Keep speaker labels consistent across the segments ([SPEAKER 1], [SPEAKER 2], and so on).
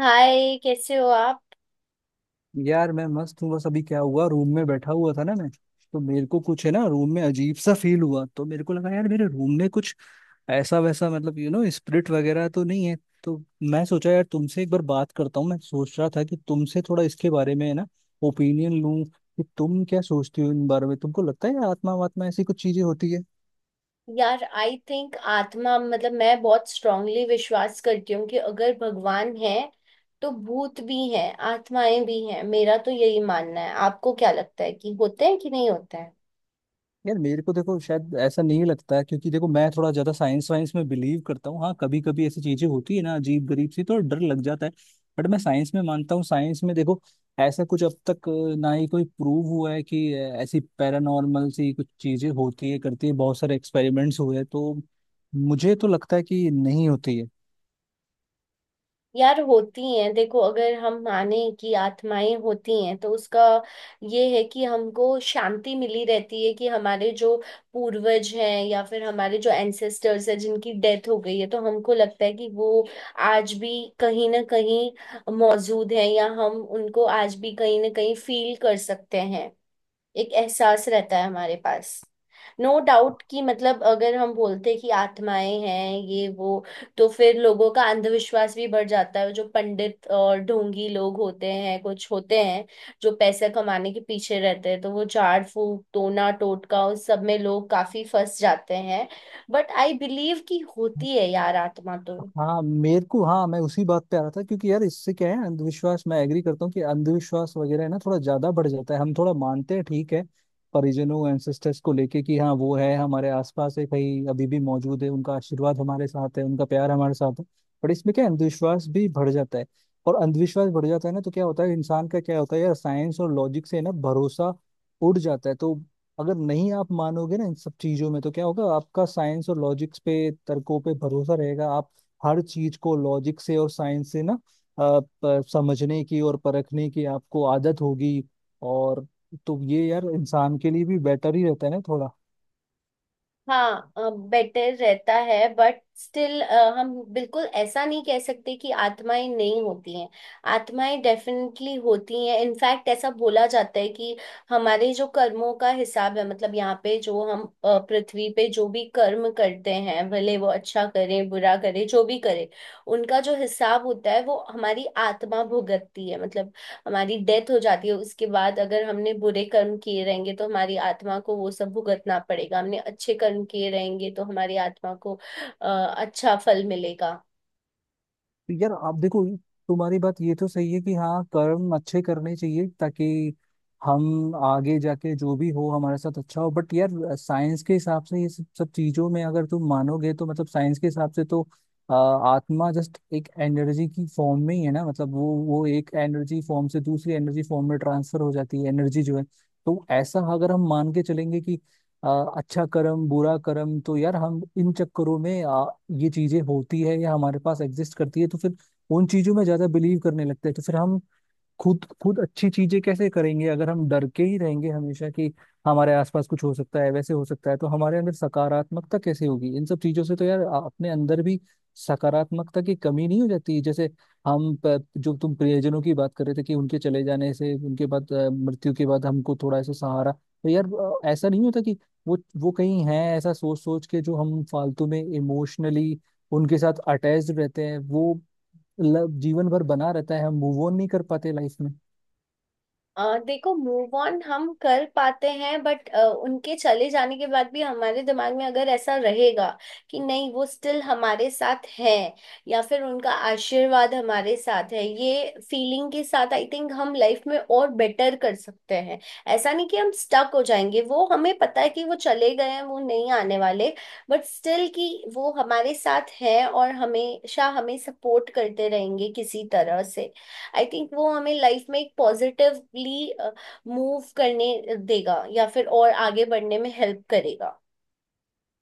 [SPEAKER 1] हाय, कैसे हो आप?
[SPEAKER 2] यार मैं मस्त हूँ। बस अभी क्या हुआ, रूम में बैठा हुआ था ना मैं। तो मेरे को कुछ है ना, रूम में अजीब सा फील हुआ। तो मेरे को लगा यार, मेरे रूम में कुछ ऐसा वैसा मतलब स्पिरिट वगैरह तो नहीं है। तो मैं सोचा यार तुमसे एक बार बात करता हूँ। मैं सोच रहा था कि तुमसे थोड़ा इसके बारे में है ना ओपिनियन लूँ कि तुम क्या सोचती हो इन बारे में। तुमको लगता है आत्मा वात्मा ऐसी कुछ चीजें होती है?
[SPEAKER 1] यार आई थिंक आत्मा मतलब मैं बहुत स्ट्रांगली विश्वास करती हूँ कि अगर भगवान है तो भूत भी हैं आत्माएं भी हैं। मेरा तो यही मानना है। आपको क्या लगता है कि होते हैं कि नहीं होते?
[SPEAKER 2] यार मेरे को देखो शायद ऐसा नहीं लगता है, क्योंकि देखो मैं थोड़ा ज्यादा साइंस वाइंस में बिलीव करता हूँ। हाँ, कभी कभी ऐसी चीजें होती है ना अजीब गरीब सी, तो डर लग जाता है। बट मैं साइंस में मानता हूँ। साइंस में देखो ऐसा कुछ अब तक ना ही कोई प्रूव हुआ है कि ऐसी पैरानॉर्मल सी कुछ चीजें होती है करती है। बहुत सारे एक्सपेरिमेंट्स हुए हैं, तो मुझे तो लगता है कि नहीं होती है।
[SPEAKER 1] यार होती हैं। देखो अगर हम माने कि आत्माएं होती हैं तो उसका ये है कि हमको शांति मिली रहती है कि हमारे जो पूर्वज हैं या फिर हमारे जो एंसेस्टर्स हैं जिनकी डेथ हो गई है तो हमको लगता है कि वो आज भी कहीं ना कहीं मौजूद हैं या हम उनको आज भी कहीं ना कहीं फील कर सकते हैं। एक एहसास रहता है हमारे पास। नो डाउट कि मतलब अगर हम बोलते कि आत्माएं हैं ये वो तो फिर लोगों का अंधविश्वास भी बढ़ जाता है। जो पंडित और ढोंगी लोग होते हैं, कुछ होते हैं जो पैसे कमाने के पीछे रहते हैं तो वो झाड़ फूक टोना टोटका उस सब में लोग काफी फंस जाते हैं। बट आई बिलीव कि होती है यार आत्मा तो।
[SPEAKER 2] हाँ मेरे को, हाँ मैं उसी बात पे आ रहा था। क्योंकि यार इससे क्या है, अंधविश्वास, मैं एग्री करता हूँ कि अंधविश्वास वगैरह है ना थोड़ा ज्यादा बढ़ जाता है। हम थोड़ा मानते हैं ठीक है परिजनों एंसेस्टर्स को लेके कि हाँ वो है हमारे आसपास, है कहीं अभी भी मौजूद है, उनका आशीर्वाद हमारे साथ है, उनका प्यार हमारे साथ है। पर इसमें क्या है, अंधविश्वास भी बढ़ जाता है। और अंधविश्वास बढ़ जाता है ना तो क्या होता है, इंसान का क्या होता है यार, साइंस और लॉजिक से ना भरोसा उड़ जाता है। तो अगर नहीं आप मानोगे ना इन सब चीजों में तो क्या होगा, आपका साइंस और लॉजिक्स पे तर्कों पे भरोसा रहेगा। आप हर चीज को लॉजिक से और साइंस से ना समझने की और परखने की आपको आदत होगी। और तो ये यार इंसान के लिए भी बेटर ही रहता है ना थोड़ा।
[SPEAKER 1] हाँ, बेटर रहता है बट स्टिल हम बिल्कुल ऐसा नहीं कह सकते कि आत्माएं नहीं होती हैं। आत्माएं डेफिनेटली होती हैं। इनफैक्ट ऐसा बोला जाता है कि हमारे जो कर्मों का हिसाब है मतलब यहाँ पे जो हम पृथ्वी पे जो भी कर्म करते हैं, भले वो अच्छा करें बुरा करें जो भी करें, उनका जो हिसाब होता है वो हमारी आत्मा भुगतती है। मतलब हमारी डेथ हो जाती है, उसके बाद अगर हमने बुरे कर्म किए रहेंगे तो हमारी आत्मा को वो सब भुगतना पड़ेगा, हमने अच्छे कर्म किए रहेंगे तो हमारी आत्मा को अ, अच्छा फल मिलेगा।
[SPEAKER 2] तो यार आप देखो तुम्हारी बात ये तो सही है कि हाँ कर्म अच्छे करने चाहिए, ताकि हम आगे जाके जो भी हो हमारे साथ अच्छा हो। बट यार साइंस के हिसाब से ये सब सब चीजों में अगर तुम मानोगे तो, मतलब साइंस के हिसाब से तो आत्मा जस्ट एक एनर्जी की फॉर्म में ही है ना। मतलब वो एक एनर्जी फॉर्म से दूसरी एनर्जी फॉर्म में ट्रांसफर हो जाती है एनर्जी जो है। तो ऐसा अगर हम मान के चलेंगे कि आ, अच्छा कर्म बुरा कर्म, तो यार हम इन चक्करों में, ये चीजें होती है या हमारे पास एग्जिस्ट करती है तो फिर उन चीजों में ज्यादा बिलीव करने लगते हैं। तो फिर हम खुद खुद अच्छी चीजें कैसे करेंगे अगर हम डर के ही रहेंगे हमेशा कि हमारे आसपास कुछ हो सकता है वैसे हो सकता है। तो हमारे अंदर सकारात्मकता कैसे होगी इन सब चीजों से। तो यार अपने अंदर भी सकारात्मकता की कमी नहीं हो जाती। जैसे हम जो तुम प्रियजनों की बात कर रहे थे कि उनके चले जाने से उनके बाद मृत्यु के बाद हमको थोड़ा ऐसा सहारा, तो यार ऐसा नहीं होता कि वो कहीं है, ऐसा सोच सोच के जो हम फालतू में इमोशनली उनके साथ अटैच्ड रहते हैं, वो जीवन भर बना रहता है। हम मूव ऑन नहीं कर पाते लाइफ में।
[SPEAKER 1] देखो मूव ऑन हम कर पाते हैं बट उनके चले जाने के बाद भी हमारे दिमाग में अगर ऐसा रहेगा कि नहीं, वो स्टिल हमारे साथ है या फिर उनका आशीर्वाद हमारे साथ है, ये फीलिंग के साथ आई थिंक हम लाइफ में और बेटर कर सकते हैं। ऐसा नहीं कि हम स्टक हो जाएंगे, वो हमें पता है कि वो चले गए हैं, वो नहीं आने वाले, बट स्टिल कि वो हमारे साथ है और हमेशा हमें सपोर्ट करते रहेंगे किसी तरह से। आई थिंक वो हमें लाइफ में एक पॉजिटिवली मूव करने देगा या फिर और आगे बढ़ने में हेल्प करेगा।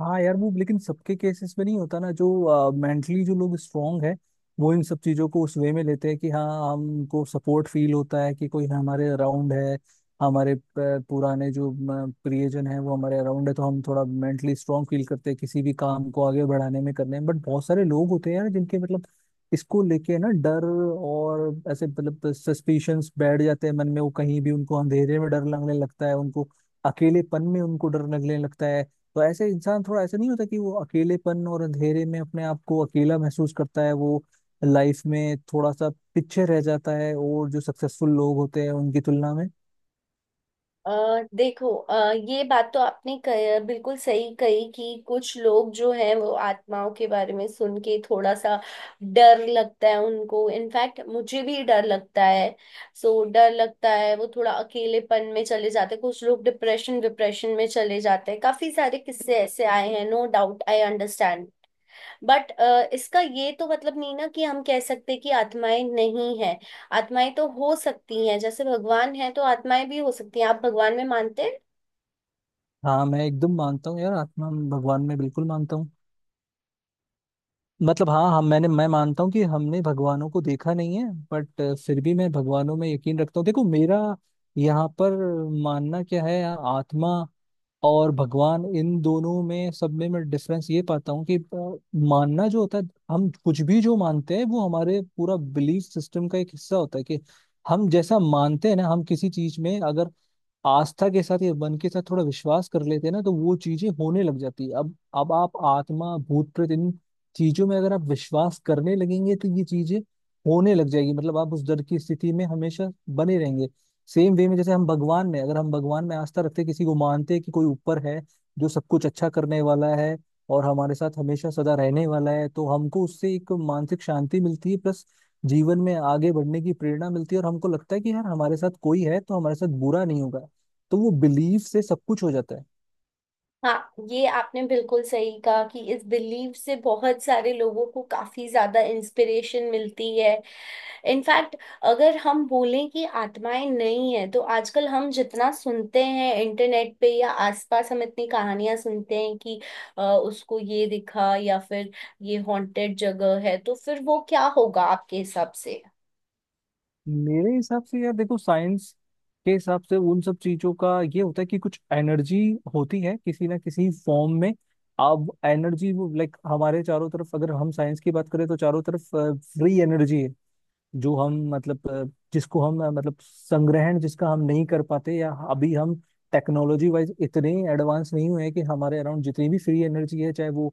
[SPEAKER 2] हाँ यार वो लेकिन सबके केसेस में नहीं होता ना। जो मेंटली जो लोग स्ट्रांग है वो इन सब चीजों को उस वे में लेते हैं कि हाँ हमको सपोर्ट फील होता है कि कोई हमारे अराउंड है, हमारे पुराने जो प्रियजन है वो हमारे अराउंड है, तो हम थोड़ा मेंटली स्ट्रांग फील करते हैं किसी भी काम को आगे बढ़ाने में करने में। बट बहुत सारे लोग होते हैं यार जिनके मतलब इसको लेके ना डर और ऐसे मतलब सस्पिशंस बैठ जाते हैं मन में। वो कहीं भी उनको अंधेरे में डर लगने लगता है, उनको अकेलेपन में उनको डर लगने लगता है। तो ऐसे इंसान, थोड़ा ऐसा नहीं होता कि वो अकेलेपन और अंधेरे में अपने आप को अकेला महसूस करता है, वो लाइफ में थोड़ा सा पीछे रह जाता है और जो सक्सेसफुल लोग होते हैं उनकी तुलना में।
[SPEAKER 1] अ देखो, ये बात तो आपने बिल्कुल सही कही कि कुछ लोग जो हैं वो आत्माओं के बारे में सुन के थोड़ा सा डर लगता है उनको। इनफैक्ट मुझे भी डर लगता है। सो डर लगता है, वो थोड़ा अकेलेपन में चले जाते हैं, कुछ लोग डिप्रेशन डिप्रेशन में चले जाते हैं। काफी सारे किस्से ऐसे आए हैं, no doubt, I understand. But इसका ये तो मतलब नहीं ना कि हम कह सकते कि आत्माएं नहीं है। आत्माएं तो हो सकती हैं, जैसे भगवान है तो आत्माएं भी हो सकती हैं। आप भगवान में मानते हैं?
[SPEAKER 2] हाँ मैं एकदम मानता हूँ यार, आत्मा भगवान में बिल्कुल मानता हूँ। मतलब हाँ हम मैंने मैं मानता हूँ कि हमने भगवानों को देखा नहीं है, बट फिर भी मैं भगवानों में यकीन रखता हूँ। देखो मेरा यहाँ पर मानना क्या है, आत्मा और भगवान इन दोनों में सब में मैं डिफरेंस ये पाता हूँ कि मानना जो होता है, हम कुछ भी जो मानते हैं वो हमारे पूरा बिलीफ सिस्टम का एक हिस्सा होता है। कि हम जैसा मानते हैं ना, हम किसी चीज में अगर आस्था के साथ या मन के साथ थोड़ा विश्वास कर लेते हैं ना, तो वो चीजें होने लग जाती है। अब आप आत्मा भूत प्रेत इन चीजों में अगर आप विश्वास करने लगेंगे तो ये चीजें होने लग जाएगी। मतलब आप उस डर की स्थिति में हमेशा बने रहेंगे। सेम वे में जैसे हम भगवान में, अगर हम भगवान में आस्था रखते हैं, किसी को मानते हैं कि कोई ऊपर है जो सब कुछ अच्छा करने वाला है और हमारे साथ हमेशा सदा रहने वाला है, तो हमको उससे एक मानसिक शांति मिलती है, प्लस जीवन में आगे बढ़ने की प्रेरणा मिलती है और हमको लगता है कि यार हमारे साथ कोई है तो हमारे साथ बुरा नहीं होगा। तो वो बिलीव से सब कुछ हो जाता है।
[SPEAKER 1] हाँ, ये आपने बिल्कुल सही कहा कि इस बिलीव से बहुत सारे लोगों को काफी ज्यादा इंस्पिरेशन मिलती है। इनफैक्ट अगर हम बोलें कि आत्माएं नहीं है तो आजकल हम जितना सुनते हैं इंटरनेट पे या आसपास, हम इतनी कहानियां सुनते हैं कि उसको ये दिखा या फिर ये हॉन्टेड जगह है, तो फिर वो क्या होगा आपके हिसाब से?
[SPEAKER 2] मेरे हिसाब से यार देखो, साइंस के हिसाब से उन सब चीजों का ये होता है कि कुछ एनर्जी होती है किसी ना किसी फॉर्म में। अब एनर्जी वो लाइक हमारे चारों तरफ, अगर हम साइंस की बात करें तो चारों तरफ फ्री एनर्जी है, जो हम मतलब जिसको हम मतलब संग्रहण जिसका हम नहीं कर पाते, या अभी हम टेक्नोलॉजी वाइज इतने एडवांस नहीं हुए हैं कि हमारे अराउंड जितनी भी फ्री एनर्जी है, चाहे वो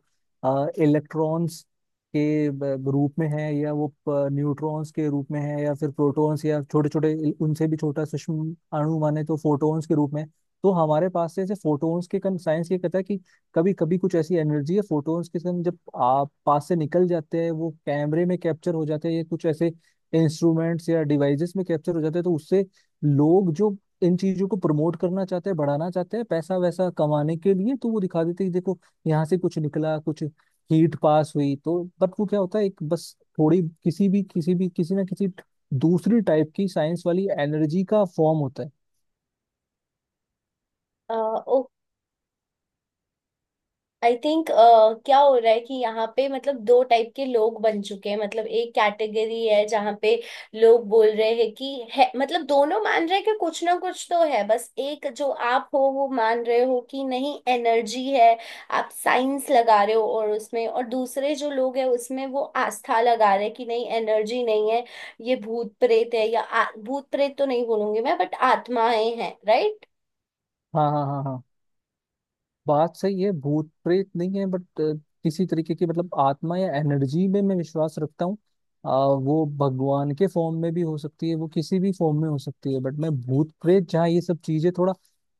[SPEAKER 2] इलेक्ट्रॉन्स के रूप में है या वो न्यूट्रॉन्स के रूप में है या फिर प्रोटॉन्स या छोटे छोटे उनसे भी छोटा सूक्ष्म अणु माने तो फोटॉन्स के रूप में। तो हमारे पास से ऐसे फोटॉन्स के कन, साइंस ये कहता है कि कभी कभी कुछ ऐसी एनर्जी है, फोटॉन्स के कन जब आप पास से निकल जाते हैं वो कैमरे में कैप्चर हो जाते हैं या कुछ ऐसे इंस्ट्रूमेंट्स या डिवाइसेस में कैप्चर हो जाते हैं। तो उससे लोग जो इन चीजों को प्रमोट करना चाहते हैं बढ़ाना चाहते हैं पैसा वैसा कमाने के लिए, तो वो दिखा देते हैं कि देखो यहाँ से कुछ निकला, कुछ हीट पास हुई। तो बट वो क्या होता है एक, बस थोड़ी किसी भी किसी ना किसी दूसरी टाइप की साइंस वाली एनर्जी का फॉर्म होता है।
[SPEAKER 1] आई थिंक क्या हो रहा है कि यहाँ पे मतलब दो टाइप के लोग बन चुके हैं। मतलब एक कैटेगरी है जहाँ पे लोग बोल रहे हैं कि है, मतलब दोनों मान रहे हैं कि कुछ ना कुछ तो है, बस एक जो आप हो वो मान रहे हो कि नहीं एनर्जी है, आप साइंस लगा रहे हो और उसमें, और दूसरे जो लोग हैं उसमें वो आस्था लगा रहे हैं कि नहीं एनर्जी नहीं है, ये भूत प्रेत है। या भूत प्रेत तो नहीं बोलूंगी मैं, बट आत्माएं हैं, राइट?
[SPEAKER 2] हाँ हाँ हाँ हाँ, बात सही है। भूत प्रेत नहीं है बट किसी तरीके की, मतलब आत्मा या एनर्जी में मैं विश्वास रखता हूँ। वो भगवान के फॉर्म में भी हो सकती है, वो किसी भी फॉर्म में हो सकती है। बट मैं भूत प्रेत जहाँ ये सब चीजें थोड़ा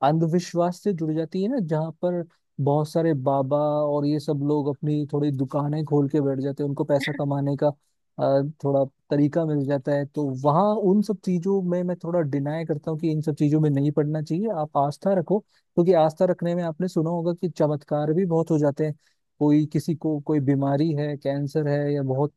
[SPEAKER 2] अंधविश्वास से जुड़ जाती है ना, जहाँ पर बहुत सारे बाबा और ये सब लोग अपनी थोड़ी दुकानें खोल के बैठ जाते हैं, उनको पैसा कमाने का थोड़ा तरीका मिल जाता है, तो वहाँ उन सब चीजों में मैं थोड़ा डिनाई करता हूँ कि इन सब चीजों में नहीं पड़ना चाहिए। आप आस्था रखो, क्योंकि आस्था रखने में आपने सुना होगा कि चमत्कार भी बहुत हो जाते हैं। कोई, किसी को कोई बीमारी है, कैंसर है या बहुत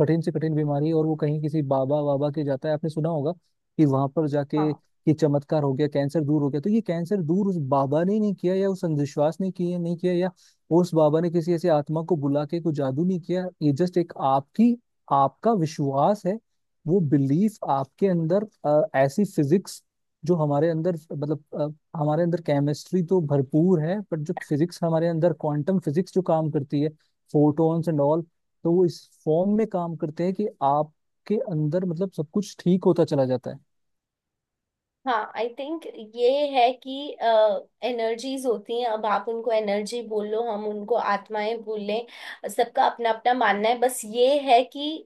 [SPEAKER 2] कठिन से कठिन बीमारी है, और वो कहीं किसी बाबा वाबा के जाता है, आपने सुना होगा कि वहां पर जाके कि चमत्कार हो गया, कैंसर दूर हो गया। तो ये कैंसर दूर उस बाबा ने नहीं किया या उस अंधविश्वास ने किया नहीं किया, या उस बाबा ने किसी ऐसी आत्मा को बुला के कोई जादू नहीं किया। ये जस्ट एक आपकी, आपका विश्वास है। वो बिलीफ आपके अंदर ऐसी फिजिक्स जो हमारे अंदर मतलब हमारे अंदर केमिस्ट्री तो भरपूर है, पर जो फिजिक्स हमारे अंदर क्वांटम फिजिक्स जो काम करती है, फोटॉन्स एंड ऑल, तो वो इस फॉर्म में काम करते हैं कि आपके अंदर मतलब सब कुछ ठीक होता चला जाता है।
[SPEAKER 1] हाँ आई थिंक ये है कि एनर्जीज होती हैं। अब आप उनको एनर्जी बोल लो हम उनको आत्माएं बोल लें, सबका अपना अपना मानना है। बस ये है कि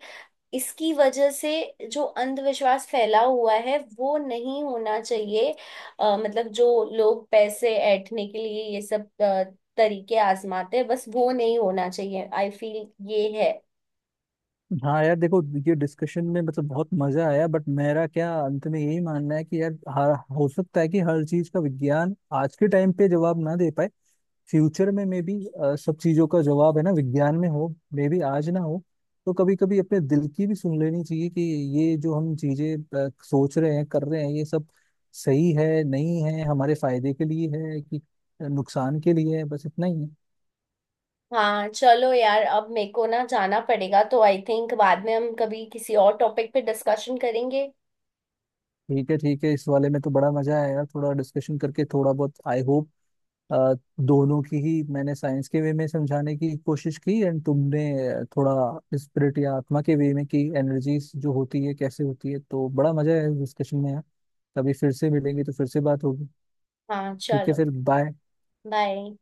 [SPEAKER 1] इसकी वजह से जो अंधविश्वास फैला हुआ है वो नहीं होना चाहिए। मतलब जो लोग पैसे ऐंठने के लिए ये सब तरीके आजमाते हैं, बस वो नहीं होना चाहिए, आई फील ये है।
[SPEAKER 2] हाँ यार देखो ये डिस्कशन में मतलब बहुत मजा आया। बट मेरा क्या अंत में यही मानना है कि यार हो सकता है कि हर चीज का विज्ञान आज के टाइम पे जवाब ना दे पाए, फ्यूचर में मे बी सब चीजों का जवाब है ना विज्ञान में हो, मे बी आज ना हो। तो कभी कभी अपने दिल की भी सुन लेनी चाहिए कि ये जो हम चीजें सोच रहे हैं कर रहे हैं ये सब सही है नहीं है, हमारे फायदे के लिए है कि नुकसान के लिए है, बस इतना ही है।
[SPEAKER 1] हाँ चलो यार, अब मेरे को ना जाना पड़ेगा तो आई थिंक बाद में हम कभी किसी और टॉपिक पे डिस्कशन करेंगे।
[SPEAKER 2] ठीक है ठीक है, इस वाले में तो बड़ा मजा आया यार थोड़ा डिस्कशन करके थोड़ा बहुत। आई होप अ, दोनों की ही, मैंने साइंस के वे में समझाने की कोशिश की एंड तुमने थोड़ा स्पिरिट या आत्मा के वे में की, एनर्जीज जो होती है कैसे होती है। तो बड़ा मजा है डिस्कशन में यार। कभी फिर से मिलेंगे तो फिर से बात होगी।
[SPEAKER 1] हाँ
[SPEAKER 2] ठीक है,
[SPEAKER 1] चलो,
[SPEAKER 2] फिर बाय।
[SPEAKER 1] बाय।